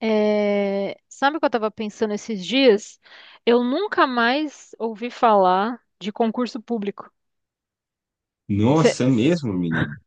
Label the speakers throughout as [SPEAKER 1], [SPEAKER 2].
[SPEAKER 1] É, sabe o que eu estava pensando esses dias? Eu nunca mais ouvi falar de concurso público. Você
[SPEAKER 2] Nossa, é mesmo, menino.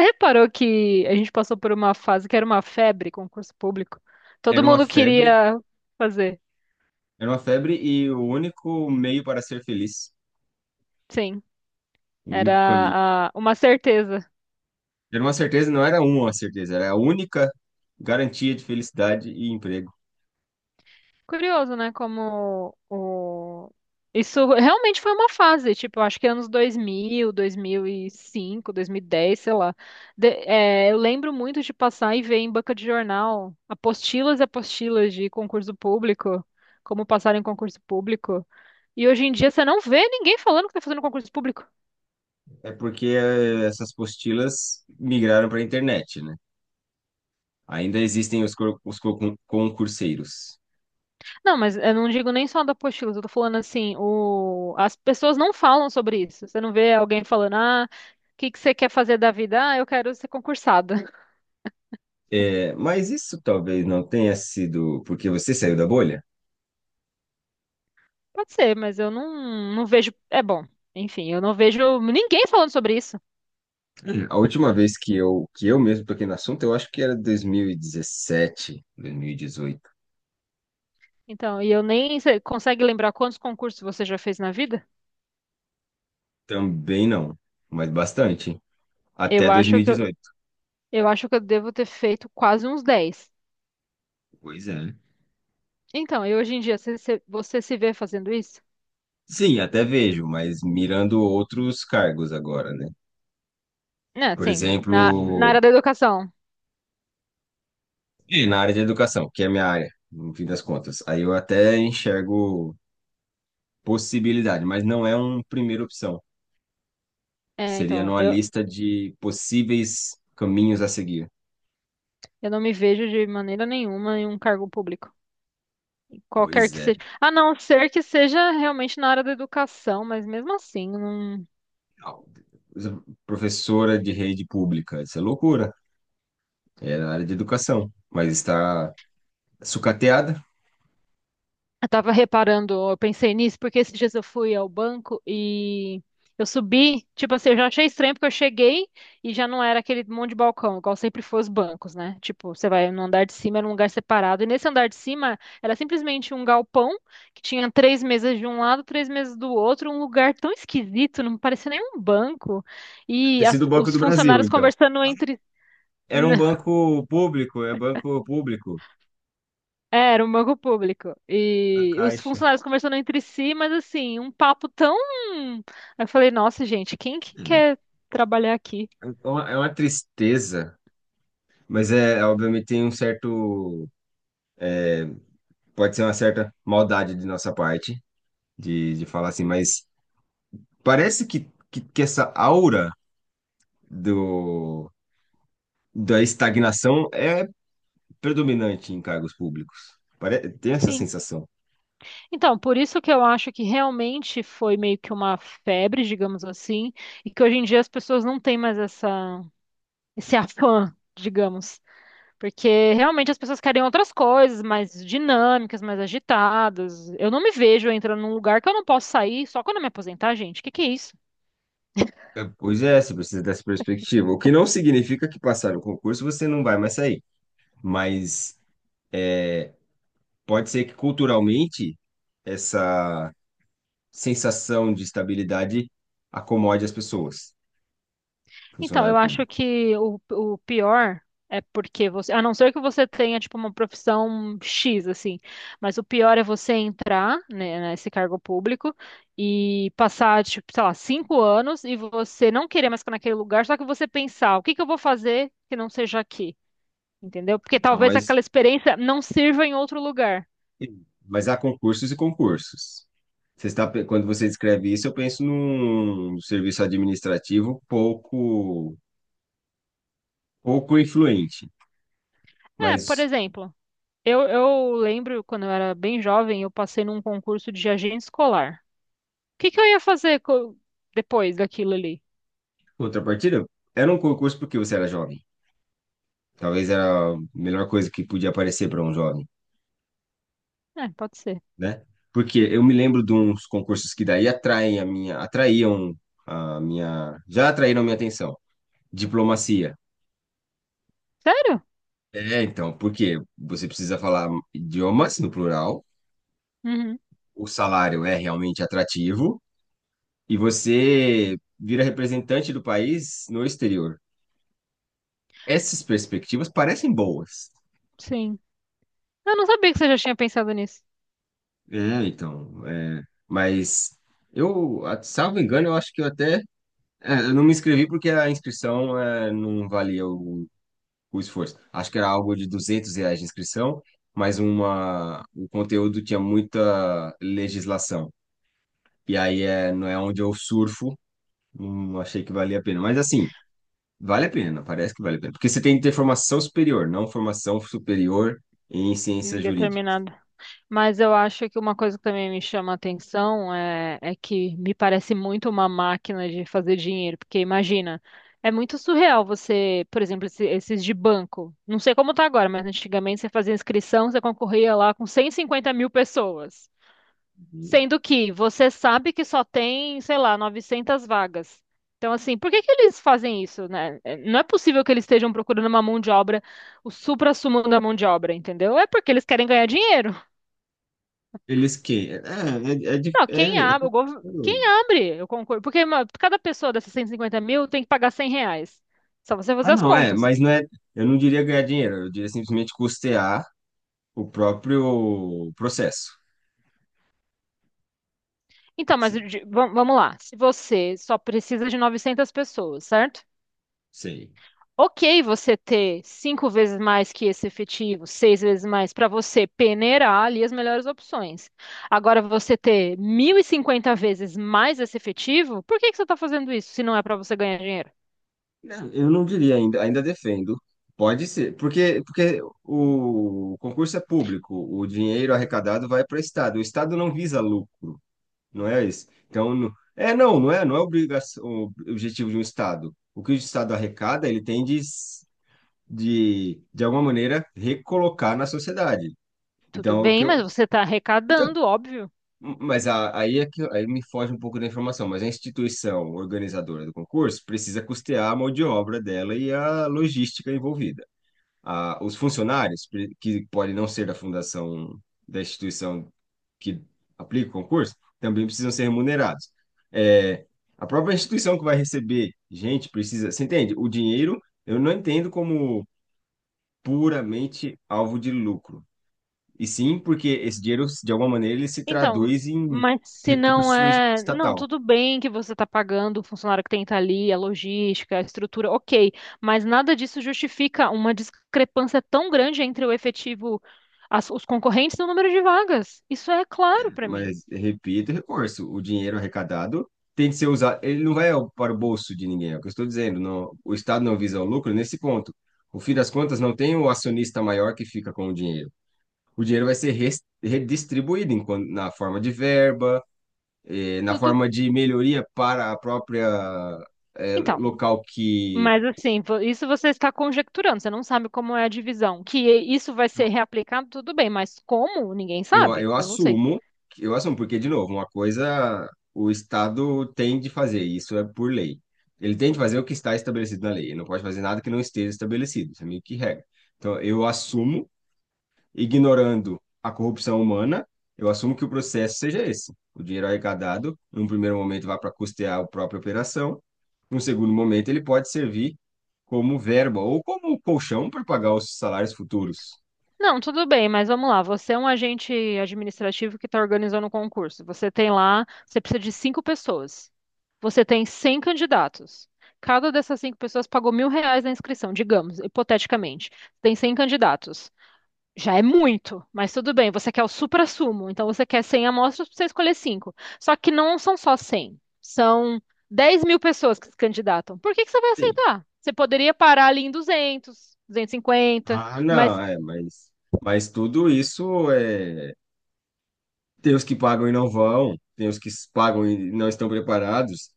[SPEAKER 1] reparou que a gente passou por uma fase que era uma febre, concurso público? Todo
[SPEAKER 2] Era uma
[SPEAKER 1] mundo
[SPEAKER 2] febre,
[SPEAKER 1] queria fazer.
[SPEAKER 2] era uma febre e o único meio para ser feliz,
[SPEAKER 1] Sim,
[SPEAKER 2] o único caminho.
[SPEAKER 1] era uma certeza.
[SPEAKER 2] Era uma certeza, não era uma certeza, era a única garantia de felicidade e emprego.
[SPEAKER 1] Curioso, né? Como isso realmente foi uma fase, tipo, eu acho que anos dois mil, mil e cinco, 2010, sei lá. É, eu lembro muito de passar e ver em banca de jornal apostilas e apostilas de concurso público, como passar em concurso público. E hoje em dia você não vê ninguém falando que tá fazendo concurso público.
[SPEAKER 2] É porque essas apostilas migraram para a internet, né? Ainda existem os, concurseiros.
[SPEAKER 1] Não, mas eu não digo nem só da apostila, eu tô falando assim, as pessoas não falam sobre isso. Você não vê alguém falando, ah, o que que você quer fazer da vida? Ah, eu quero ser concursada.
[SPEAKER 2] É, mas isso talvez não tenha sido porque você saiu da bolha.
[SPEAKER 1] Pode ser, mas eu não vejo. É bom, enfim, eu não vejo ninguém falando sobre isso.
[SPEAKER 2] Hum. A última vez que eu mesmo toquei no assunto, eu acho que era 2017, 2018.
[SPEAKER 1] Então, e eu nem. Você consegue lembrar quantos concursos você já fez na vida?
[SPEAKER 2] Também não, mas bastante. Até
[SPEAKER 1] Eu
[SPEAKER 2] dois
[SPEAKER 1] acho
[SPEAKER 2] mil e
[SPEAKER 1] que eu,
[SPEAKER 2] dezoito.
[SPEAKER 1] eu acho que eu devo ter feito quase uns 10.
[SPEAKER 2] Pois é.
[SPEAKER 1] Então, e hoje em dia, você se vê fazendo isso?
[SPEAKER 2] Sim, até vejo, mas mirando outros cargos agora, né?
[SPEAKER 1] Né,
[SPEAKER 2] Por
[SPEAKER 1] sim, na
[SPEAKER 2] exemplo,
[SPEAKER 1] área da educação.
[SPEAKER 2] é, na área de educação, que é a minha área, no fim das contas. Aí eu até enxergo possibilidade, mas não é uma primeira opção.
[SPEAKER 1] É,
[SPEAKER 2] Seria
[SPEAKER 1] então,
[SPEAKER 2] numa
[SPEAKER 1] eu,
[SPEAKER 2] lista de possíveis caminhos a seguir.
[SPEAKER 1] Eu não me vejo de maneira nenhuma em um cargo público, qualquer
[SPEAKER 2] Pois
[SPEAKER 1] que
[SPEAKER 2] é.
[SPEAKER 1] seja. A não ser que seja realmente na área da educação, mas mesmo assim, não.
[SPEAKER 2] Au. Professora de rede pública, isso é loucura. É na área de educação, mas está sucateada.
[SPEAKER 1] Eu tava reparando, eu pensei nisso, porque esses dias eu fui ao banco e eu subi, tipo assim, eu já achei estranho porque eu cheguei e já não era aquele monte de balcão, igual sempre foi os bancos, né? Tipo, você vai no andar de cima, era um lugar separado. E nesse andar de cima era simplesmente um galpão que tinha três mesas de um lado, três mesas do outro, um lugar tão esquisito, não parecia nem um banco. E
[SPEAKER 2] Ter sido o Banco
[SPEAKER 1] os
[SPEAKER 2] do Brasil,
[SPEAKER 1] funcionários
[SPEAKER 2] então.
[SPEAKER 1] conversando entre.
[SPEAKER 2] Era um banco público, é banco público,
[SPEAKER 1] É, era um banco público.
[SPEAKER 2] a
[SPEAKER 1] E os
[SPEAKER 2] Caixa.
[SPEAKER 1] funcionários conversando entre si, mas assim, um papo tão. Aí eu falei, nossa, gente, quem que quer trabalhar aqui?
[SPEAKER 2] É uma tristeza, mas é, obviamente tem um certo, pode ser uma certa maldade de nossa parte, de falar assim, mas parece que essa aura do, da estagnação é predominante em cargos públicos. Pare, tem essa
[SPEAKER 1] Sim.
[SPEAKER 2] sensação.
[SPEAKER 1] Então, por isso que eu acho que realmente foi meio que uma febre, digamos assim, e que hoje em dia as pessoas não têm mais essa, esse afã, digamos. Porque realmente as pessoas querem outras coisas, mais dinâmicas, mais agitadas. Eu não me vejo entrando num lugar que eu não posso sair só quando eu me aposentar, gente. O que que é isso?
[SPEAKER 2] É, pois é, você precisa dessa perspectiva, o que não significa que passar o concurso você não vai mais sair, mas é, pode ser que culturalmente essa sensação de estabilidade acomode as pessoas,
[SPEAKER 1] Então, eu
[SPEAKER 2] funcionário
[SPEAKER 1] acho
[SPEAKER 2] público.
[SPEAKER 1] que o pior é porque você, a não ser que você tenha tipo uma profissão X assim, mas o pior é você entrar, né, nesse cargo público e passar tipo, sei lá, 5 anos e você não querer mais ficar naquele lugar, só que você pensar, o que que eu vou fazer que não seja aqui, entendeu? Porque
[SPEAKER 2] Então,
[SPEAKER 1] talvez aquela experiência não sirva em outro lugar.
[SPEAKER 2] mas há concursos e concursos. Você está, quando você descreve isso, eu penso num serviço administrativo pouco, pouco influente.
[SPEAKER 1] É, por
[SPEAKER 2] Mas,
[SPEAKER 1] exemplo, eu lembro quando eu era bem jovem, eu passei num concurso de agente escolar. Que eu ia fazer depois daquilo ali?
[SPEAKER 2] contrapartida, era um concurso porque você era jovem. Talvez era a melhor coisa que podia aparecer para um jovem.
[SPEAKER 1] É, pode ser.
[SPEAKER 2] Né? Porque eu me lembro de uns concursos que daí atraem a minha, atraíam a minha, já atraíram a minha atenção. Diplomacia.
[SPEAKER 1] Sério?
[SPEAKER 2] É, então, porque você precisa falar idiomas no plural,
[SPEAKER 1] Uhum,
[SPEAKER 2] o salário é realmente atrativo e você vira representante do país no exterior. Essas perspectivas parecem boas.
[SPEAKER 1] sim. Eu não sabia que você já tinha pensado nisso.
[SPEAKER 2] É, então, é, mas eu, salvo engano, eu acho que eu até, é, eu não me inscrevi porque a inscrição é, não valia o esforço. Acho que era algo de 200 reais de inscrição, mas uma, o conteúdo tinha muita legislação. E aí é, não é onde eu surfo, não achei que valia a pena. Mas assim, vale a pena, parece que vale a pena. Porque você tem que ter formação superior, não formação superior em
[SPEAKER 1] Em
[SPEAKER 2] ciência jurídica.
[SPEAKER 1] determinado. Mas eu acho que uma coisa que também me chama a atenção é que me parece muito uma máquina de fazer dinheiro. Porque imagina, é muito surreal você, por exemplo, esses de banco. Não sei como tá agora, mas antigamente você fazia inscrição, você concorria lá com 150.000 pessoas. Sendo que você sabe que só tem, sei lá, 900 vagas. Então, assim, por que que eles fazem isso, né? É, não é possível que eles estejam procurando uma mão de obra, o suprassumo da mão de obra, entendeu? É porque eles querem ganhar dinheiro.
[SPEAKER 2] Eles que... É, é, é,
[SPEAKER 1] Não,
[SPEAKER 2] é,
[SPEAKER 1] quem
[SPEAKER 2] é
[SPEAKER 1] abre, quem
[SPEAKER 2] curioso.
[SPEAKER 1] abre, eu concordo. Porque cada pessoa dessas 150 mil tem que pagar R$ 100. Só você fazer
[SPEAKER 2] Ah,
[SPEAKER 1] as
[SPEAKER 2] não, é,
[SPEAKER 1] contas.
[SPEAKER 2] mas não é... Eu não diria ganhar dinheiro, eu diria simplesmente custear o próprio processo.
[SPEAKER 1] Então, mas
[SPEAKER 2] Sim,
[SPEAKER 1] vamos lá. Se você só precisa de 900 pessoas, certo?
[SPEAKER 2] sei.
[SPEAKER 1] Ok você ter cinco vezes mais que esse efetivo, seis vezes mais, para você peneirar ali as melhores opções. Agora, você ter 1.050 vezes mais esse efetivo, por que que você está fazendo isso se não é para você ganhar dinheiro?
[SPEAKER 2] Não, eu não diria ainda, ainda defendo. Pode ser, porque, porque o concurso é público, o dinheiro arrecadado vai para o Estado. O Estado não visa lucro, não é isso? Então, é não, não é, não é obrigação, o objetivo de um Estado. O que o Estado arrecada, ele tem de, de alguma maneira, recolocar na sociedade.
[SPEAKER 1] Tudo
[SPEAKER 2] Então, o
[SPEAKER 1] bem,
[SPEAKER 2] que
[SPEAKER 1] mas
[SPEAKER 2] eu,
[SPEAKER 1] você está
[SPEAKER 2] então,
[SPEAKER 1] arrecadando, óbvio.
[SPEAKER 2] mas aí é que aí me foge um pouco da informação, mas a instituição organizadora do concurso precisa custear a mão de obra dela e a logística envolvida. Os funcionários, que podem não ser da fundação da instituição que aplica o concurso, também precisam ser remunerados. É, a própria instituição que vai receber gente precisa. Você entende? O dinheiro eu não entendo como puramente alvo de lucro. E sim, porque esse dinheiro, de alguma maneira, ele se
[SPEAKER 1] Então,
[SPEAKER 2] traduz em
[SPEAKER 1] mas se não
[SPEAKER 2] recurso
[SPEAKER 1] é. Não,
[SPEAKER 2] estatal.
[SPEAKER 1] tudo bem que você está pagando o funcionário que tem que estar ali, a logística, a estrutura, ok. Mas nada disso justifica uma discrepância tão grande entre o efetivo, os concorrentes e o número de vagas. Isso é claro para mim.
[SPEAKER 2] Mas, repito, recurso. O dinheiro arrecadado tem de ser usado. Ele não para o bolso de ninguém, é o que eu estou dizendo. Não, o Estado não visa o lucro nesse ponto. No fim das contas, não tem o acionista maior que fica com o dinheiro. O dinheiro vai ser redistribuído em na forma de verba, na
[SPEAKER 1] Tudo.
[SPEAKER 2] forma de melhoria para a própria,
[SPEAKER 1] Então,
[SPEAKER 2] local que
[SPEAKER 1] mas assim, isso você está conjecturando, você não sabe como é a divisão. Que isso vai ser reaplicado, tudo bem, mas como? Ninguém
[SPEAKER 2] Eu,
[SPEAKER 1] sabe.
[SPEAKER 2] eu
[SPEAKER 1] Eu não sei.
[SPEAKER 2] assumo, eu assumo, porque, de novo, uma coisa o Estado tem de fazer, e isso é por lei. Ele tem de fazer o que está estabelecido na lei, ele não pode fazer nada que não esteja estabelecido, isso é meio que regra. Então, eu assumo, ignorando a corrupção humana, eu assumo que o processo seja esse. O dinheiro arrecadado, num primeiro momento, vai para custear a própria operação, num segundo momento, ele pode servir como verba ou como colchão para pagar os salários futuros.
[SPEAKER 1] Não, tudo bem, mas vamos lá. Você é um agente administrativo que está organizando um concurso. Você tem lá, você precisa de cinco pessoas. Você tem 100 candidatos. Cada dessas cinco pessoas pagou R$ 1.000 na inscrição, digamos, hipoteticamente. Tem 100 candidatos. Já é muito, mas tudo bem. Você quer o supra-sumo, então você quer 100 amostras para você escolher cinco. Só que não são só 100. São 10.000 pessoas que se candidatam. Por que que você vai
[SPEAKER 2] Sim.
[SPEAKER 1] aceitar? Você poderia parar ali em 200, 250,
[SPEAKER 2] Ah, não,
[SPEAKER 1] Mas
[SPEAKER 2] é, mas tudo isso é. Tem os que pagam e não vão, tem os que pagam e não estão preparados.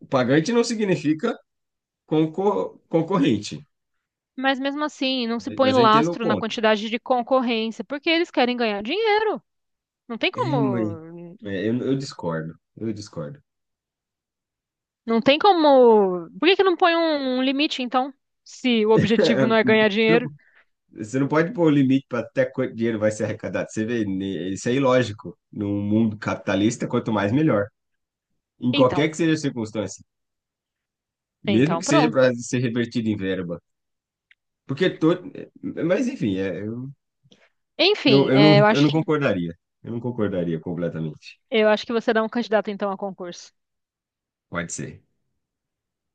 [SPEAKER 2] O pagante não significa concorrente,
[SPEAKER 1] Mas mesmo assim, não se põe
[SPEAKER 2] mas eu entendo o
[SPEAKER 1] lastro na
[SPEAKER 2] ponto.
[SPEAKER 1] quantidade de concorrência, porque eles querem ganhar dinheiro. Não tem
[SPEAKER 2] É, mas
[SPEAKER 1] como,
[SPEAKER 2] é, eu discordo, eu discordo.
[SPEAKER 1] não tem como. Por que que não põe um limite, então? Se o objetivo não é ganhar
[SPEAKER 2] Você
[SPEAKER 1] dinheiro?
[SPEAKER 2] não, você não pode pôr o limite para até quanto dinheiro vai ser arrecadado. Você vê, né, isso é ilógico. Num mundo capitalista, quanto mais, melhor. Em
[SPEAKER 1] Então,
[SPEAKER 2] qualquer que seja a circunstância, mesmo
[SPEAKER 1] então
[SPEAKER 2] que seja
[SPEAKER 1] pronto.
[SPEAKER 2] para ser revertido em verba. Porque todo. Mas enfim, é, eu, não,
[SPEAKER 1] Enfim,
[SPEAKER 2] eu,
[SPEAKER 1] é,
[SPEAKER 2] não,
[SPEAKER 1] eu
[SPEAKER 2] eu
[SPEAKER 1] acho
[SPEAKER 2] não
[SPEAKER 1] que
[SPEAKER 2] concordaria. Eu não concordaria completamente.
[SPEAKER 1] eu acho que você dá um candidato então a concurso.
[SPEAKER 2] Pode ser.